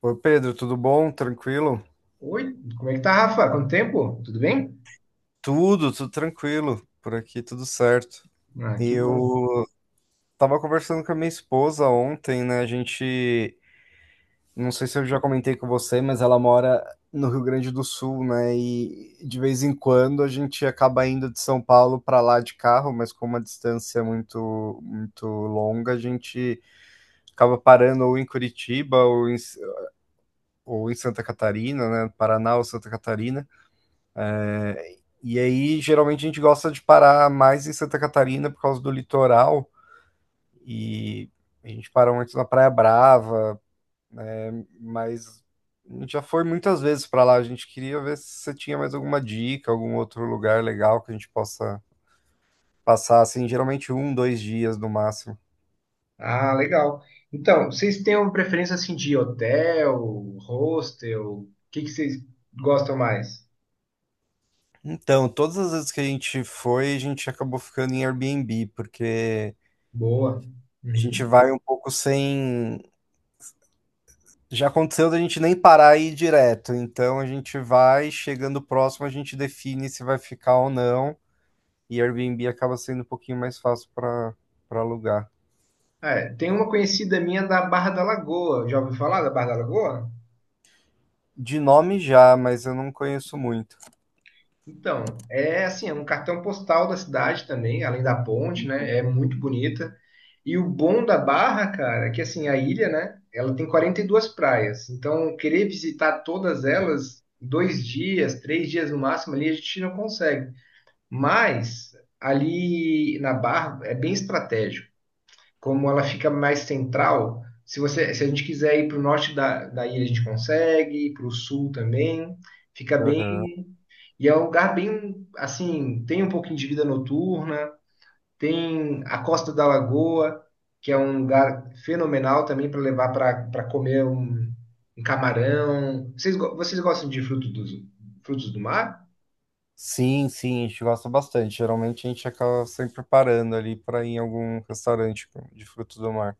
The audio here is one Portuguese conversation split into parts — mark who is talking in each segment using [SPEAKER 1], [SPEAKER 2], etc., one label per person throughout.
[SPEAKER 1] Oi, Pedro, tudo bom? Tranquilo?
[SPEAKER 2] Oi, como é que tá, Rafa? Quanto tempo? Tudo bem?
[SPEAKER 1] Tudo, tudo tranquilo. Por aqui tudo certo.
[SPEAKER 2] Ah,
[SPEAKER 1] E
[SPEAKER 2] que bom.
[SPEAKER 1] eu tava conversando com a minha esposa ontem, né? A gente, não sei se eu já comentei com você, mas ela mora no Rio Grande do Sul, né? E de vez em quando a gente acaba indo de São Paulo para lá de carro, mas com uma distância é muito muito longa, a gente acaba parando ou em Curitiba ou em Santa Catarina, né? Paraná ou Santa Catarina. E aí, geralmente, a gente gosta de parar mais em Santa Catarina por causa do litoral. E a gente parou antes na Praia Brava, mas a gente já foi muitas vezes para lá. A gente queria ver se você tinha mais alguma dica, algum outro lugar legal que a gente possa passar, assim, geralmente um, dois dias no máximo.
[SPEAKER 2] Ah, legal. Então, vocês têm uma preferência assim de hotel, hostel? O que que vocês gostam mais?
[SPEAKER 1] Então, todas as vezes que a gente foi, a gente acabou ficando em Airbnb, porque
[SPEAKER 2] Boa.
[SPEAKER 1] a gente
[SPEAKER 2] Uhum.
[SPEAKER 1] vai um pouco sem. Já aconteceu da gente nem parar e ir direto, então a gente vai, chegando próximo, a gente define se vai ficar ou não, e Airbnb acaba sendo um pouquinho mais fácil para alugar.
[SPEAKER 2] É, tem uma conhecida minha da Barra da Lagoa. Já ouviu falar da Barra da Lagoa?
[SPEAKER 1] De nome já, mas eu não conheço muito.
[SPEAKER 2] Então, é assim, é um cartão postal da cidade também, além da ponte, né? É muito bonita. E o bom da Barra, cara, é que assim, a ilha, né? Ela tem 42 praias. Então, querer visitar todas elas, em 2 dias, 3 dias no máximo ali, a gente não consegue. Mas ali na Barra é bem estratégico. Como ela fica mais central, se a gente quiser ir para o norte da ilha, a gente consegue, para o sul também. Fica
[SPEAKER 1] Aham.
[SPEAKER 2] bem. E é um lugar bem assim, tem um pouquinho de vida noturna, tem a Costa da Lagoa, que é um lugar fenomenal também para levar para comer um camarão. Vocês gostam de frutos do mar?
[SPEAKER 1] Sim, sim, a gente gosta bastante. Geralmente a gente acaba sempre parando ali para ir em algum restaurante de frutos do mar.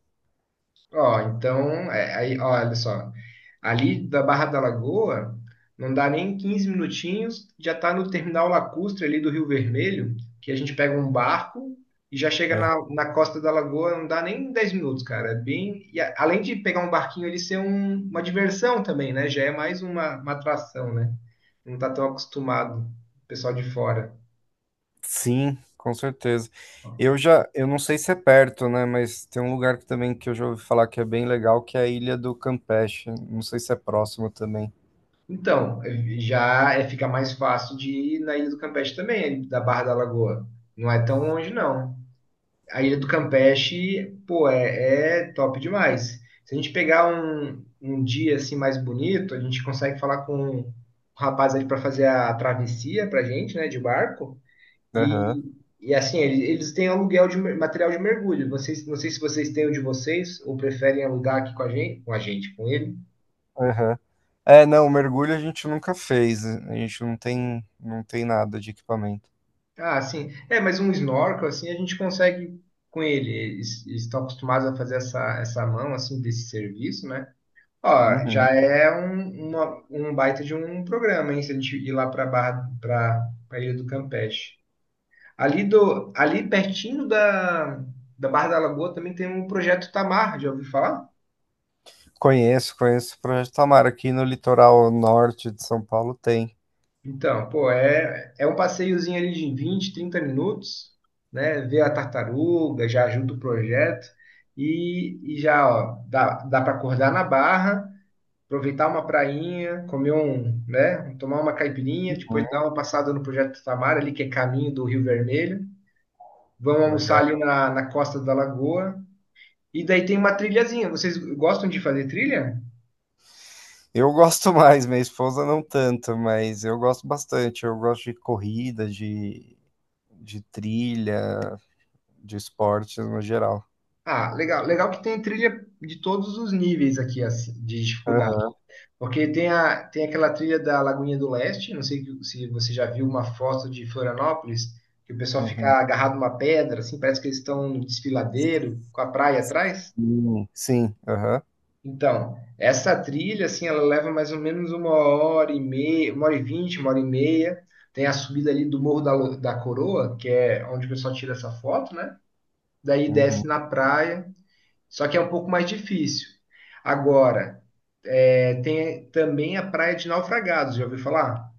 [SPEAKER 2] Ó, então, é, aí, ó, olha só. Ali da Barra da Lagoa, não dá nem 15 minutinhos, já está no terminal lacustre ali do Rio Vermelho, que a gente pega um barco e já chega na costa da Lagoa, não dá nem 10 minutos, cara. É bem, e além de pegar um barquinho ali ser uma diversão também, né? Já é mais uma atração, né? Não tá tão acostumado o pessoal de fora.
[SPEAKER 1] Sim, com certeza. Eu não sei se é perto, né? Mas tem um lugar que também que eu já ouvi falar que é bem legal, que é a Ilha do Campeche. Não sei se é próximo também.
[SPEAKER 2] Então, já é, fica mais fácil de ir na Ilha do Campeche também, da Barra da Lagoa. Não é tão longe, não. A Ilha do Campeche, pô, é top demais. Se a gente pegar um dia assim mais bonito, a gente consegue falar com o rapaz ali para fazer a travessia pra gente, né, de barco.
[SPEAKER 1] Aham.
[SPEAKER 2] E, e assim, eles têm aluguel de material de mergulho. Vocês, não sei se vocês têm o de vocês ou preferem alugar aqui com ele.
[SPEAKER 1] Aham. É, não, mergulho a gente nunca fez. A gente não tem, não tem nada de equipamento.
[SPEAKER 2] Ah, sim. É, mas um snorkel assim a gente consegue com ele. Eles estão acostumados a fazer essa mão assim desse serviço, né? Ó, já
[SPEAKER 1] Uhum.
[SPEAKER 2] é um baita de um programa, hein? Se a gente ir lá para Barra, para a Ilha do Campeche. Ali pertinho da Barra da Lagoa também tem um projeto Tamar, já ouviu falar?
[SPEAKER 1] Conheço, conheço o Projeto Tamar. Aqui no litoral norte de São Paulo tem.
[SPEAKER 2] Então, pô, é um passeiozinho ali de 20, 30 minutos, né? Ver a tartaruga, já ajuda o projeto. E já, ó, dá para acordar na Barra aproveitar uma prainha, comer um, né, tomar uma caipirinha,
[SPEAKER 1] Hum.
[SPEAKER 2] depois dar uma passada no Projeto Tamar ali, que é caminho do Rio Vermelho. Vamos almoçar
[SPEAKER 1] Legal.
[SPEAKER 2] ali na costa da lagoa. E daí tem uma trilhazinha. Vocês gostam de fazer trilha?
[SPEAKER 1] Eu gosto mais, minha esposa não tanto, mas eu gosto bastante. Eu gosto de corrida, de, trilha. De esporte no geral.
[SPEAKER 2] Ah, legal. Legal que tem trilha de todos os níveis aqui assim, de dificuldade.
[SPEAKER 1] Aham,
[SPEAKER 2] Porque tem aquela trilha da Lagoinha do Leste, não sei se você já viu uma foto de Florianópolis, que o pessoal
[SPEAKER 1] uhum.
[SPEAKER 2] fica agarrado numa pedra, assim, parece que eles estão no desfiladeiro, com a praia atrás.
[SPEAKER 1] Sim, aham.
[SPEAKER 2] Então, essa trilha, assim, ela leva mais ou menos uma hora e meia, uma hora e vinte, uma hora e meia. Tem a subida ali do Morro da Coroa, que é onde o pessoal tira essa foto, né? Daí
[SPEAKER 1] Uhum.
[SPEAKER 2] desce na praia, só que é um pouco mais difícil. Agora, é, tem também a Praia de Naufragados, já ouviu falar?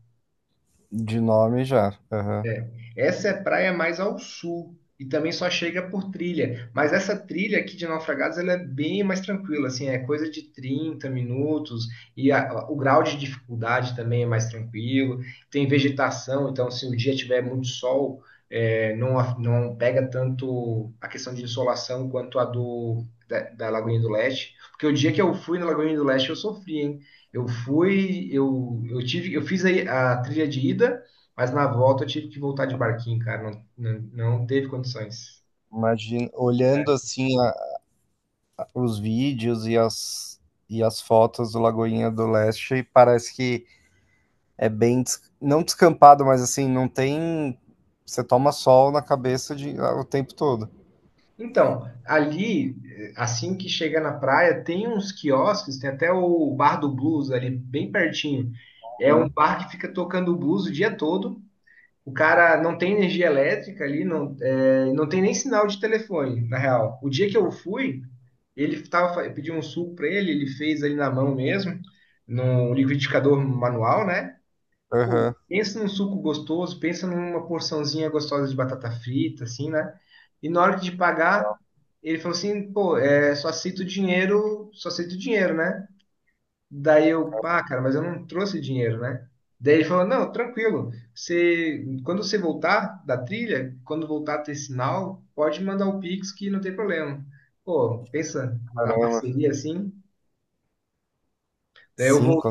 [SPEAKER 1] De nome já. Aham.
[SPEAKER 2] Essa é praia mais ao sul e também só chega por trilha. Mas essa trilha aqui de Naufragados ela é bem mais tranquila, assim, é coisa de 30 minutos e o grau de dificuldade também é mais tranquilo. Tem vegetação, então se o dia tiver muito sol, é, não, não pega tanto a questão de insolação quanto a do da Lagoinha do Leste. Porque o dia que eu fui na Lagoinha do Leste eu sofri, hein? Eu fui, eu tive, eu fiz aí a trilha de ida. Mas na volta eu tive que voltar de barquinho, cara. Não, não, não teve condições.
[SPEAKER 1] Imagina, olhando assim os vídeos e as fotos do Lagoinha do Leste, parece que é bem, não descampado, mas assim, não tem. Você toma sol na cabeça de, ah, o tempo todo.
[SPEAKER 2] Então, ali, assim que chega na praia, tem uns quiosques, tem até o Bar do Blues ali, bem pertinho. É um
[SPEAKER 1] Uhum.
[SPEAKER 2] bar que fica tocando blues o dia todo. O cara não tem energia elétrica ali, não, não tem nem sinal de telefone, na real. O dia que eu fui, eu pedi um suco para ele, ele fez ali na mão mesmo, num liquidificador manual, né? Pô,
[SPEAKER 1] Aham.
[SPEAKER 2] pensa num suco gostoso, pensa numa porçãozinha gostosa de batata frita, assim, né? E na hora de pagar, ele falou assim, pô, é, só aceito dinheiro, né? Daí eu, pá, cara, mas eu não trouxe dinheiro, né? Daí ele falou, não, tranquilo, quando você voltar da trilha, quando voltar a ter sinal, pode mandar o Pix que não tem problema. Pô, pensa na
[SPEAKER 1] Caramba.
[SPEAKER 2] parceria assim. Daí eu vou
[SPEAKER 1] Cinco.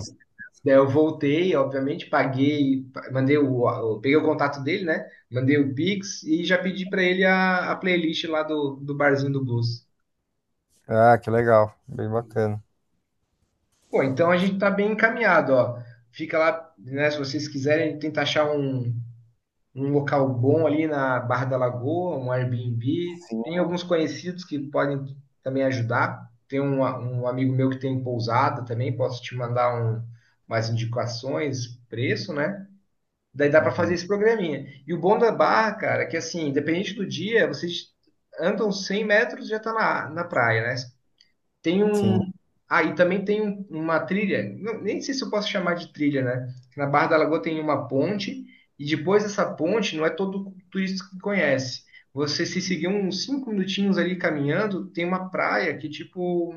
[SPEAKER 2] Daí eu voltei, obviamente, paguei, mandei peguei o contato dele, né? Mandei o Pix e já pedi para ele a playlist lá do Barzinho do Blues.
[SPEAKER 1] Ah, que legal. Bem bacana.
[SPEAKER 2] Pô, então a gente tá bem encaminhado, ó. Fica lá, né? Se vocês quiserem, tenta achar um local bom ali na Barra da Lagoa, um Airbnb.
[SPEAKER 1] Sim.
[SPEAKER 2] Tem alguns conhecidos que podem também ajudar. Tem um amigo meu que tem pousada também, posso te mandar umas indicações, preço, né? Daí dá para fazer
[SPEAKER 1] Uhum.
[SPEAKER 2] esse programinha. E o bom da barra, cara, é que assim, independente do dia, vocês andam 100 metros e já tá na praia, né? Tem
[SPEAKER 1] Sim.
[SPEAKER 2] um. Ah, e também tem uma trilha, nem sei se eu posso chamar de trilha, né? Na Barra da Lagoa tem uma ponte, e depois dessa ponte não é todo turista que conhece. Você se seguir uns 5 minutinhos ali caminhando, tem uma praia que, tipo,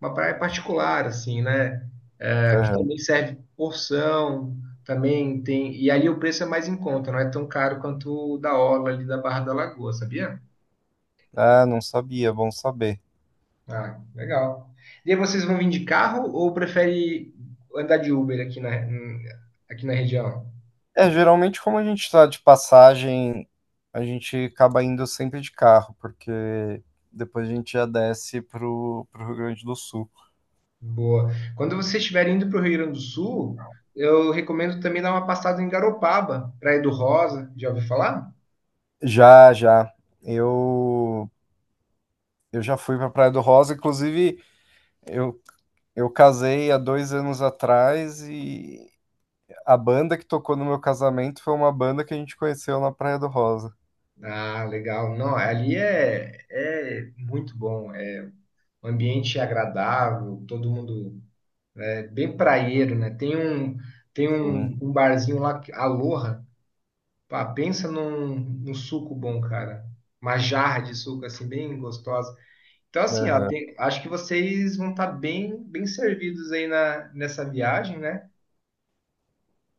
[SPEAKER 2] uma praia particular, assim, né? É, que
[SPEAKER 1] Aham.
[SPEAKER 2] também serve porção, também tem. E ali o preço é mais em conta, não é tão caro quanto o da orla ali da Barra da Lagoa, sabia?
[SPEAKER 1] Ah, não sabia, bom saber.
[SPEAKER 2] Ah, legal. E aí vocês vão vir de carro ou prefere andar de Uber aqui na região?
[SPEAKER 1] É, geralmente, como a gente está de passagem, a gente acaba indo sempre de carro, porque depois a gente já desce pro, Rio Grande do Sul.
[SPEAKER 2] Boa. Quando vocês estiverem indo para o Rio Grande do Sul, eu recomendo também dar uma passada em Garopaba, Praia do Rosa, já ouviu falar?
[SPEAKER 1] Já, já. Eu, eu já fui pra Praia do Rosa, inclusive, eu, eu casei há 2 anos atrás e a banda que tocou no meu casamento foi uma banda que a gente conheceu na Praia do Rosa.
[SPEAKER 2] Ah, legal. Não, ali é muito bom. O ambiente é agradável, todo mundo é bem praieiro, né?
[SPEAKER 1] Sim.
[SPEAKER 2] Um barzinho lá, Aloha, pá, pensa num suco bom, cara. Uma jarra de suco, assim, bem gostosa. Então, assim, ó,
[SPEAKER 1] Aham.
[SPEAKER 2] acho que vocês vão estar bem, bem servidos aí nessa viagem, né?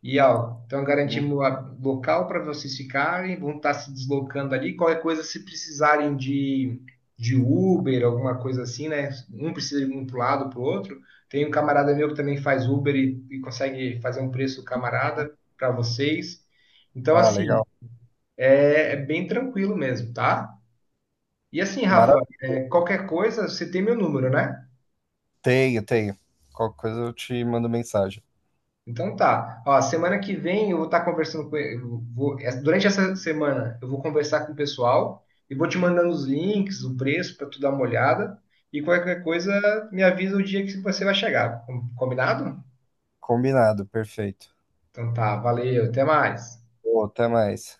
[SPEAKER 2] E ó, então
[SPEAKER 1] Sim.
[SPEAKER 2] garantimos local para vocês ficarem, vão estar se deslocando ali. Qualquer coisa, se precisarem de Uber, alguma coisa assim, né? Um precisa ir um para o lado, para o outro. Tem um camarada meu que também faz Uber e consegue fazer um preço camarada para vocês. Então,
[SPEAKER 1] Ah,
[SPEAKER 2] assim,
[SPEAKER 1] legal.
[SPEAKER 2] é bem tranquilo mesmo, tá? E assim, Rafa,
[SPEAKER 1] Maravilha.
[SPEAKER 2] é, qualquer coisa, você tem meu número, né?
[SPEAKER 1] Tenho, tenho. Qualquer coisa eu te mando mensagem.
[SPEAKER 2] Então tá. Ó, semana que vem eu vou estar conversando com eu vou, é, durante essa semana eu vou conversar com o pessoal e vou te mandando os links, o preço para tu dar uma olhada e qualquer coisa me avisa o dia que você vai chegar. Combinado?
[SPEAKER 1] Combinado, perfeito.
[SPEAKER 2] Então tá, valeu, até mais.
[SPEAKER 1] Pô, até mais.